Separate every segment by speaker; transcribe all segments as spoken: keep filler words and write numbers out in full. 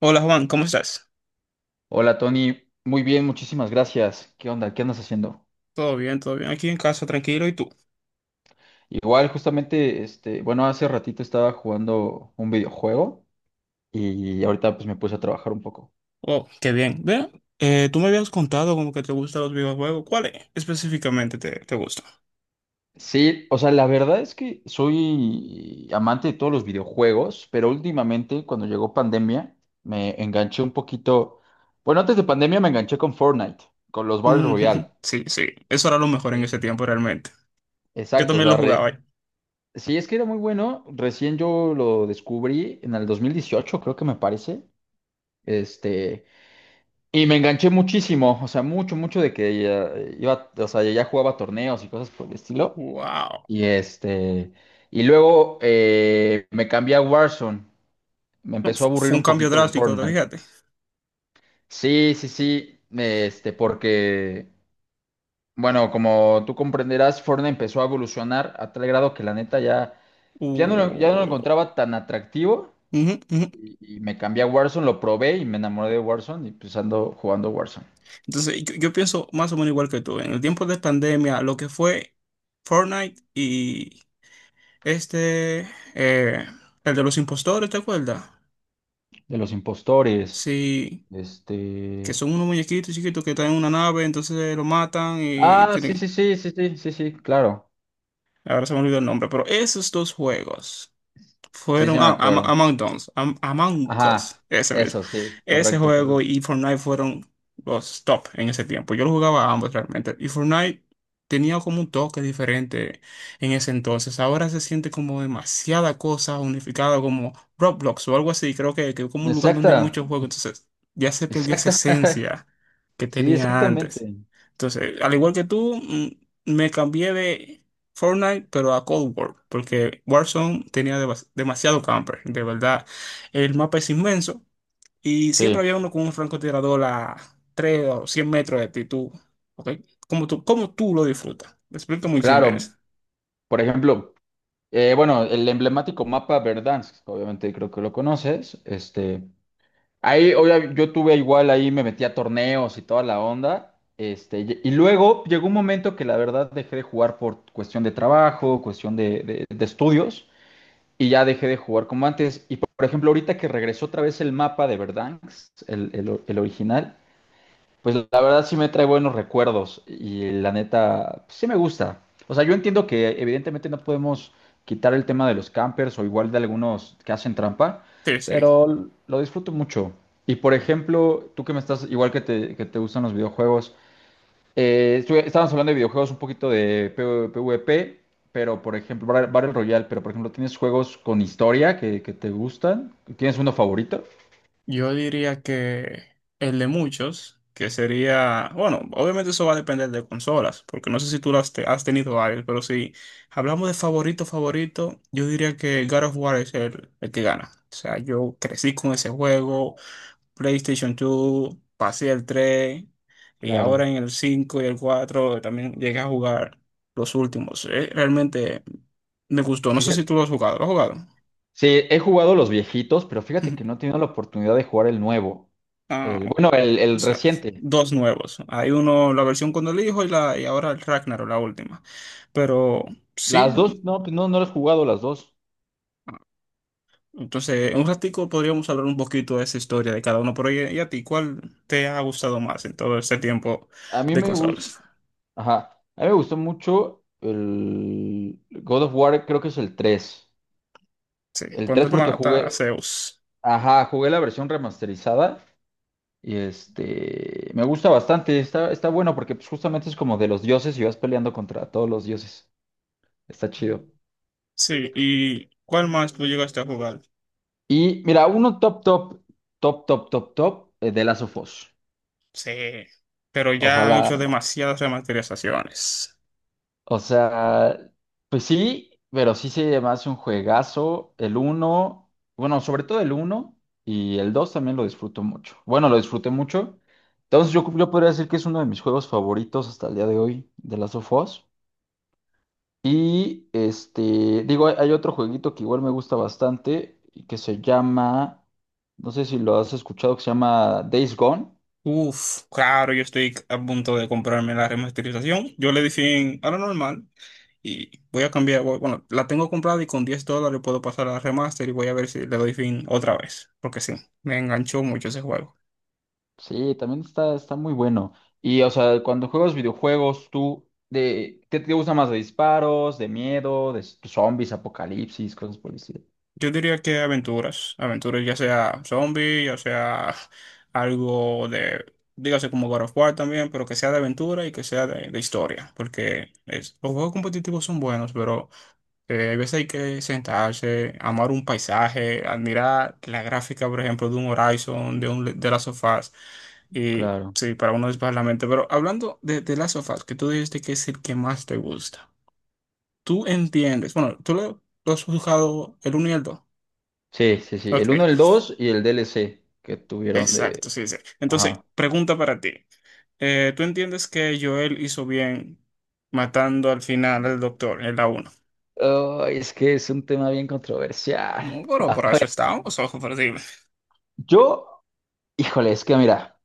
Speaker 1: Hola Juan, ¿cómo estás?
Speaker 2: Hola Tony, muy bien, muchísimas gracias. ¿Qué onda? ¿Qué andas haciendo?
Speaker 1: Todo bien, todo bien. Aquí en casa, tranquilo. ¿Y tú?
Speaker 2: Igual, justamente, este, bueno, hace ratito estaba jugando un videojuego y ahorita pues me puse a trabajar un poco.
Speaker 1: Oh, qué bien. Ve, eh, tú me habías contado como que te gustan los videojuegos. ¿Cuál es específicamente te, te gusta?
Speaker 2: Sí, o sea, la verdad es que soy amante de todos los videojuegos, pero últimamente, cuando llegó pandemia, me enganché un poquito. Bueno, antes de pandemia me enganché con Fortnite, con los Battle
Speaker 1: Mm,
Speaker 2: Royale.
Speaker 1: sí, sí. Eso era lo mejor en
Speaker 2: Sí.
Speaker 1: ese tiempo realmente. Yo
Speaker 2: Exacto, o
Speaker 1: también
Speaker 2: sea,
Speaker 1: lo
Speaker 2: re-
Speaker 1: jugaba. ¿Eh?
Speaker 2: sí, es que era muy bueno. Recién yo lo descubrí en el dos mil dieciocho, creo que me parece. Este, y me enganché muchísimo, o sea, mucho, mucho de que ya iba, o sea, ya jugaba torneos y cosas por el estilo.
Speaker 1: Wow.
Speaker 2: Y este, y luego eh, me cambié a Warzone. Me
Speaker 1: No,
Speaker 2: empezó
Speaker 1: fu-
Speaker 2: a aburrir
Speaker 1: fue un
Speaker 2: un
Speaker 1: cambio
Speaker 2: poquito
Speaker 1: drástico, ¿te
Speaker 2: Fortnite.
Speaker 1: fíjate?
Speaker 2: Sí, sí, sí, este, porque, bueno, como tú comprenderás, Fortnite empezó a evolucionar a tal grado que la neta ya, ya no lo, ya no lo
Speaker 1: Uh,
Speaker 2: encontraba tan atractivo.
Speaker 1: ujú, ujú.
Speaker 2: Y, y me cambié a Warzone, lo probé y me enamoré de Warzone y pues ando jugando Warzone.
Speaker 1: Entonces, yo, yo pienso más o menos igual que tú. En el tiempo de pandemia, lo que fue Fortnite y este, eh, el de los impostores, ¿te acuerdas?
Speaker 2: De los impostores.
Speaker 1: Sí. Que
Speaker 2: Este.
Speaker 1: son unos muñequitos chiquitos que están en una nave, entonces lo matan y
Speaker 2: Ah, sí,
Speaker 1: tienen...
Speaker 2: sí, sí, sí, sí, sí, sí, claro.
Speaker 1: Ahora se me olvidó el nombre, pero esos dos juegos
Speaker 2: Sí,
Speaker 1: fueron...
Speaker 2: sí, me
Speaker 1: Ah, Am-
Speaker 2: acuerdo.
Speaker 1: Among Us, Am- Among Us,
Speaker 2: Ajá,
Speaker 1: ese mismo.
Speaker 2: eso, sí,
Speaker 1: Ese
Speaker 2: correcto,
Speaker 1: juego
Speaker 2: correcto.
Speaker 1: y Fortnite fueron los top en ese tiempo. Yo lo jugaba a ambos realmente. Y Fortnite tenía como un toque diferente en ese entonces. Ahora se siente como demasiada cosa unificada, como Roblox o algo así. Creo que, que como un lugar donde hay
Speaker 2: Exacta,
Speaker 1: muchos juegos, entonces ya se perdió esa
Speaker 2: exacta.
Speaker 1: esencia que
Speaker 2: Sí,
Speaker 1: tenía antes.
Speaker 2: exactamente.
Speaker 1: Entonces, al igual que tú, mm, me cambié de Fortnite, pero a Cold War, porque Warzone tenía demas- demasiado camper, de verdad. El mapa es inmenso y siempre
Speaker 2: Sí,
Speaker 1: había uno con un francotirador a tres o cien metros de ti, tú, ¿ok? Como tú, como tú lo disfrutas. Me explico muy bien de eso.
Speaker 2: claro. Por ejemplo, eh, bueno, el emblemático mapa Verdansk, obviamente creo que lo conoces. Este, ahí, obvia- yo tuve igual, ahí me metí a torneos y toda la onda. Este, y y luego llegó un momento que la verdad dejé de jugar por cuestión de trabajo, cuestión de, de de estudios. Y ya dejé de jugar como antes. Y por por ejemplo, ahorita que regresó otra vez el mapa de Verdansk, el, el- o- el original, pues la verdad sí me trae buenos recuerdos y la neta pues, sí me gusta. O sea, yo entiendo que evidentemente no podemos quitar el tema de los campers o igual de algunos que hacen trampa,
Speaker 1: Sí, sí.
Speaker 2: pero lo disfruto mucho. Y por ejemplo, tú que me estás, igual que te, que te gustan los videojuegos, eh, estuve- estábamos hablando de videojuegos un poquito de P- PvP, pero por ejemplo, Bar- Battle Royale, pero por ejemplo, ¿tienes juegos con historia que, que te gustan? ¿Tienes uno favorito?
Speaker 1: Yo diría que el de muchos, que sería, bueno, obviamente eso va a depender de consolas, porque no sé si tú las te- has tenido varias, pero si hablamos de favorito, favorito, yo diría que God of War es el, el que gana. O sea, yo crecí con ese juego, PlayStation dos, pasé el tres y ahora
Speaker 2: Claro.
Speaker 1: en el cinco y el cuatro también llegué a jugar los últimos. Eh, Realmente me gustó, no sé si
Speaker 2: Fíjate,
Speaker 1: tú lo has jugado, ¿lo has jugado?
Speaker 2: sí, he jugado los viejitos, pero fíjate que no he tenido la oportunidad de jugar el nuevo.
Speaker 1: Ah,
Speaker 2: El, bueno, el,
Speaker 1: o
Speaker 2: el
Speaker 1: sea,
Speaker 2: reciente.
Speaker 1: dos nuevos. Hay uno, la versión con el hijo y, la, y ahora el Ragnarok, la última. Pero sí,
Speaker 2: Las dos, no, pues no, no las he jugado las dos.
Speaker 1: entonces en un ratico podríamos hablar un poquito de esa historia de cada uno. Pero ¿y, y a ti cuál te ha gustado más en todo ese tiempo
Speaker 2: A mí
Speaker 1: de
Speaker 2: me gustó,
Speaker 1: consolas?
Speaker 2: ajá, a mí me gustó mucho el God of War, creo que es el tres.
Speaker 1: Sí,
Speaker 2: El
Speaker 1: cuando
Speaker 2: tres
Speaker 1: él
Speaker 2: porque
Speaker 1: mata a
Speaker 2: jugué,
Speaker 1: Zeus.
Speaker 2: ajá, jugué la versión remasterizada. Y este, me gusta bastante, está, está bueno porque pues, justamente es como de los dioses y vas peleando contra todos los dioses. Está chido.
Speaker 1: Sí, ¿y cuál más tú llegaste a jugar?
Speaker 2: Y mira, uno top, top, top, top, top, top eh, de Last of Us.
Speaker 1: Sí, pero
Speaker 2: O sea,
Speaker 1: ya han
Speaker 2: la,
Speaker 1: hecho demasiadas remasterizaciones.
Speaker 2: o sea, pues sí, pero sí se me hace un juegazo. El uno, bueno, sobre todo el uno y el dos también lo disfruto mucho. Bueno, lo disfruté mucho. Entonces yo, yo podría decir que es uno de mis juegos favoritos hasta el día de hoy de Last of Us. Y este, digo, hay, hay otro jueguito que igual me gusta bastante, y que se llama, no sé si lo has escuchado, que se llama Days Gone.
Speaker 1: Uf, claro, yo estoy a punto de comprarme la remasterización. Yo le di fin a lo normal. Y voy a cambiar, voy- bueno, la tengo comprada y con diez dólares puedo pasar a remaster y voy a ver si le doy fin otra vez, porque sí, me enganchó mucho ese juego.
Speaker 2: Sí, también está, está muy bueno. Y, o sea, cuando juegas videojuegos, tú, de, ¿qué te gusta más? ¿De disparos, de miedo, de s- zombies, apocalipsis, cosas por el estilo?
Speaker 1: Yo diría que aventuras, aventuras ya sea zombie, ya sea algo de, dígase como God of War también, pero que sea de aventura y que sea de, de historia, porque es- los juegos competitivos son buenos, pero Eh, hay veces hay que sentarse, amar un paisaje, admirar la gráfica, por ejemplo, de un Horizon, de un de las sofás. Y
Speaker 2: Claro.
Speaker 1: sí, para uno despejar la mente. Pero hablando de, de las sofás, que tú dijiste que es el que más te gusta. Tú entiendes. Bueno, tú lo, lo has jugado el uno y el dos.
Speaker 2: Sí, sí, sí.
Speaker 1: Ok,
Speaker 2: El uno el dos y el D L C que tuvieron
Speaker 1: exacto,
Speaker 2: de...
Speaker 1: sí, sí. Entonces,
Speaker 2: Ajá.
Speaker 1: pregunta para ti. Eh, ¿tú entiendes que Joel hizo bien matando al final al doctor en la uno?
Speaker 2: Ay, es que es un tema bien
Speaker 1: No,
Speaker 2: controversial.
Speaker 1: pero
Speaker 2: A
Speaker 1: por
Speaker 2: ver,
Speaker 1: eso estábamos, ojo, por
Speaker 2: yo, híjole, es que mira.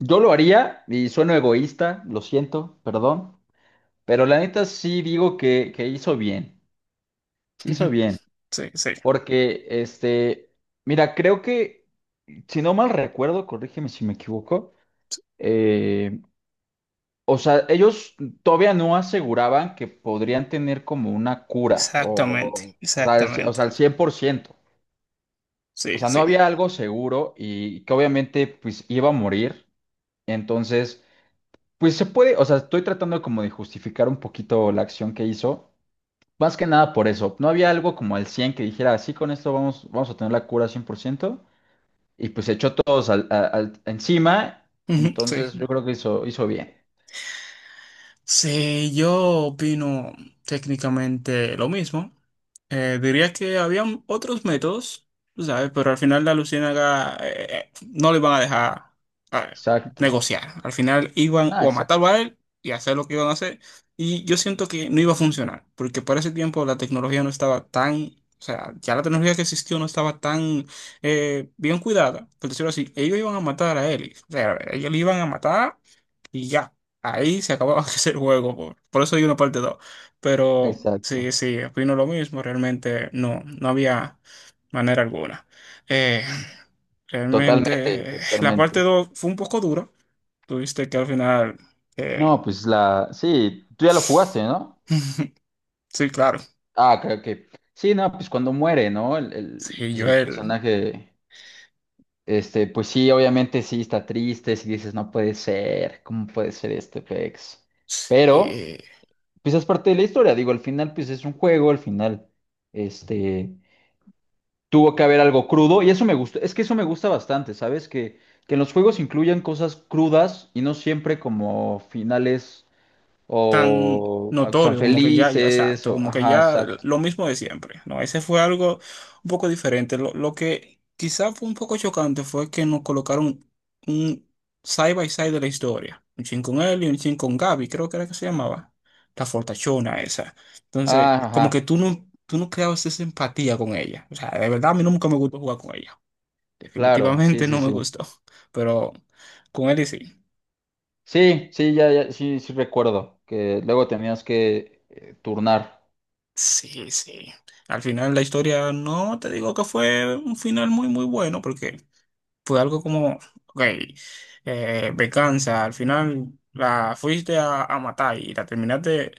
Speaker 2: Yo lo haría y sueno egoísta, lo siento, perdón, pero la neta sí digo que, que hizo bien, sí hizo bien,
Speaker 1: Sí, sí.
Speaker 2: porque este, mira, creo que, si no mal recuerdo, corrígeme si me equivoco, eh, o sea, ellos todavía no aseguraban que podrían tener como una cura, o,
Speaker 1: Exactamente,
Speaker 2: o sea, al ci- o sea,
Speaker 1: exactamente.
Speaker 2: al cien por ciento, o
Speaker 1: Sí,
Speaker 2: sea, no
Speaker 1: sí.
Speaker 2: había algo seguro y que obviamente pues iba a morir, entonces... Pues se puede, o sea, estoy tratando como de justificar un poquito la acción que hizo. Más que nada por eso. No había algo como al cien que dijera, sí, con esto vamos, vamos a tener la cura cien por ciento. Y pues se echó todos al, a- al- encima.
Speaker 1: Ujú,
Speaker 2: Entonces yo
Speaker 1: sí.
Speaker 2: creo que hizo, hizo bien.
Speaker 1: Sí, yo opino técnicamente lo mismo. Eh, diría que habían otros métodos, tú ¿sabes? Pero al final la Luciérnaga eh, eh, no le iban a dejar eh,
Speaker 2: Exacto.
Speaker 1: negociar. Al final iban
Speaker 2: No,
Speaker 1: o a matarlo
Speaker 2: exacto.
Speaker 1: a él y hacer lo que iban a hacer. Y yo siento que no iba a funcionar, porque para ese tiempo la tecnología no estaba tan, o sea, ya la tecnología que existió no estaba tan eh, bien cuidada, por decirlo así. Ellos iban a matar a él. O sea, ellos le iban a matar y ya, ahí se acababa ese juego, por, por eso hay una parte dos. Pero sí,
Speaker 2: Exacto.
Speaker 1: sí, opino lo mismo, realmente no, no había manera alguna. Eh,
Speaker 2: Totalmente,
Speaker 1: realmente eh, la
Speaker 2: totalmente.
Speaker 1: parte dos fue un poco dura, tuviste que al final... eh,
Speaker 2: No, pues la... Sí, tú ya lo jugaste, ¿no?
Speaker 1: Sí, claro.
Speaker 2: Ah, creo que... Sí, no, pues cuando muere, ¿no? El, el-
Speaker 1: Sí,
Speaker 2: pues el
Speaker 1: Joel.
Speaker 2: personaje... Este, pues sí, obviamente sí está triste, si dices, no puede ser, ¿cómo puede ser este pex? Pero,
Speaker 1: Sí.
Speaker 2: pues es parte de la historia, digo, al final, pues es un juego, al final, este, tuvo que haber algo crudo, y eso me gusta, es que eso me gusta bastante, ¿sabes? Que, que en los juegos incluyan cosas crudas y no siempre como finales
Speaker 1: Tan
Speaker 2: o ah, tan
Speaker 1: notorio, como que ya, ya,
Speaker 2: felices,
Speaker 1: exacto,
Speaker 2: o,
Speaker 1: como que
Speaker 2: ajá,
Speaker 1: ya
Speaker 2: exacto.
Speaker 1: lo mismo de siempre, ¿no? Ese fue algo un poco diferente. Lo, lo que quizá fue un poco chocante fue que nos colocaron un side by side de la historia, un chin con él y un chin con Gaby, creo que era que se llamaba, la fortachona esa. Entonces,
Speaker 2: Ah,
Speaker 1: como que
Speaker 2: ajá,
Speaker 1: tú no, tú no creabas esa empatía con ella. O sea, de verdad a mí nunca me gustó jugar con ella.
Speaker 2: claro, sí,
Speaker 1: Definitivamente
Speaker 2: sí,
Speaker 1: no me
Speaker 2: sí.
Speaker 1: gustó, pero con él y sí.
Speaker 2: Sí, sí, ya, ya, sí, sí recuerdo que luego tenías que eh, turnar,
Speaker 1: Sí, sí. Al final la historia no te digo que fue un final muy, muy bueno, porque fue algo como, ok, eh, venganza, al final la fuiste a, a matar y la terminaste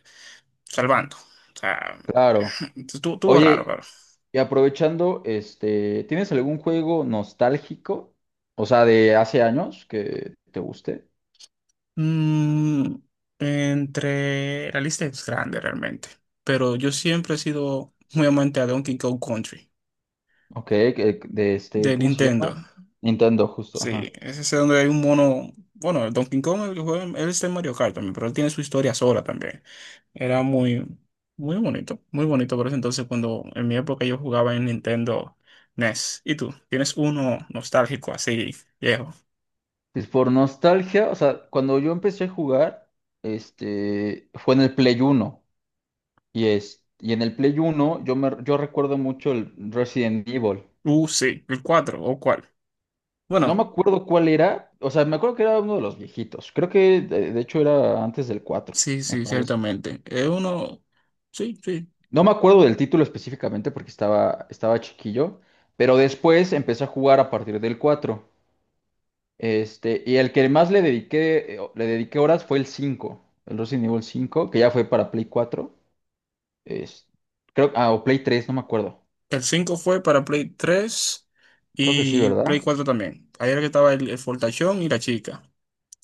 Speaker 1: salvando. O sea,
Speaker 2: claro.
Speaker 1: estuvo, estuvo raro,
Speaker 2: Oye,
Speaker 1: pero.
Speaker 2: y aprovechando, este, ¿tienes algún juego nostálgico? O sea, de hace años que te guste.
Speaker 1: Mm, entre la lista es grande realmente, pero yo siempre he sido muy amante a Donkey Kong Country
Speaker 2: Ok, que- de este,
Speaker 1: de
Speaker 2: ¿cómo se llama?
Speaker 1: Nintendo.
Speaker 2: Nintendo, justo,
Speaker 1: Sí,
Speaker 2: ajá.
Speaker 1: es ese donde hay un mono. Bueno, el Donkey Kong, el que juega, él está en Mario Kart también, pero él tiene su historia sola también. Era muy, muy bonito, muy bonito por eso entonces cuando en mi época yo jugaba en Nintendo N E S. ¿Y tú? ¿Tienes uno nostálgico así, viejo?
Speaker 2: Pues por nostalgia, o sea, cuando yo empecé a jugar, este, fue en el Play Uno. Y es, y en el Play Uno yo me, yo recuerdo mucho el Resident Evil.
Speaker 1: Uh, sí, el cuatro. ¿O cuál?
Speaker 2: No me
Speaker 1: Bueno,
Speaker 2: acuerdo cuál era. O sea, me acuerdo que era uno de los viejitos. Creo que de, de hecho era antes del cuatro
Speaker 1: sí,
Speaker 2: me
Speaker 1: sí,
Speaker 2: parece.
Speaker 1: ciertamente. Es uno, sí, sí.
Speaker 2: No me acuerdo del título específicamente porque estaba, estaba chiquillo, pero después empecé a jugar a partir del cuatro. Este, y el que más le dediqué, eh, le dediqué horas fue el cinco, el Resident Evil cinco que ya fue para Play cuatro. Es, creo, ah, o Play tres, no me acuerdo.
Speaker 1: El cinco fue para Play tres
Speaker 2: Creo que sí,
Speaker 1: y Play
Speaker 2: ¿verdad?
Speaker 1: cuatro también. Ahí era que estaba el, el fortachón y la chica.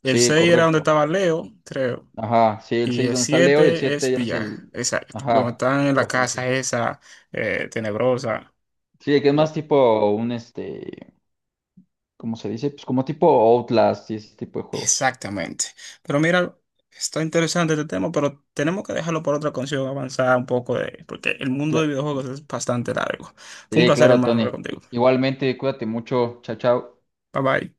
Speaker 1: El
Speaker 2: Sí,
Speaker 1: seis era donde
Speaker 2: correcto.
Speaker 1: estaba Leo, creo.
Speaker 2: Ajá, sí, el
Speaker 1: Y
Speaker 2: seis
Speaker 1: el
Speaker 2: donde está Leo y el
Speaker 1: siete
Speaker 2: siete
Speaker 1: es
Speaker 2: ya es el...
Speaker 1: Villar, exacto. Donde
Speaker 2: Ajá.
Speaker 1: están en la casa esa eh, tenebrosa.
Speaker 2: Sí, que es más
Speaker 1: Lo-
Speaker 2: tipo un este, ¿cómo se dice? Pues como tipo Outlast y ese tipo de juegos.
Speaker 1: exactamente. Pero mira, está interesante este tema, pero tenemos que dejarlo por otra canción, avanzar un poco de, porque el mundo de
Speaker 2: Cla-
Speaker 1: videojuegos es bastante largo. Fue un
Speaker 2: sí,
Speaker 1: placer,
Speaker 2: claro,
Speaker 1: hermano, hablar
Speaker 2: Tony.
Speaker 1: contigo.
Speaker 2: Igualmente, cuídate mucho. Chao, chao.
Speaker 1: Bye bye.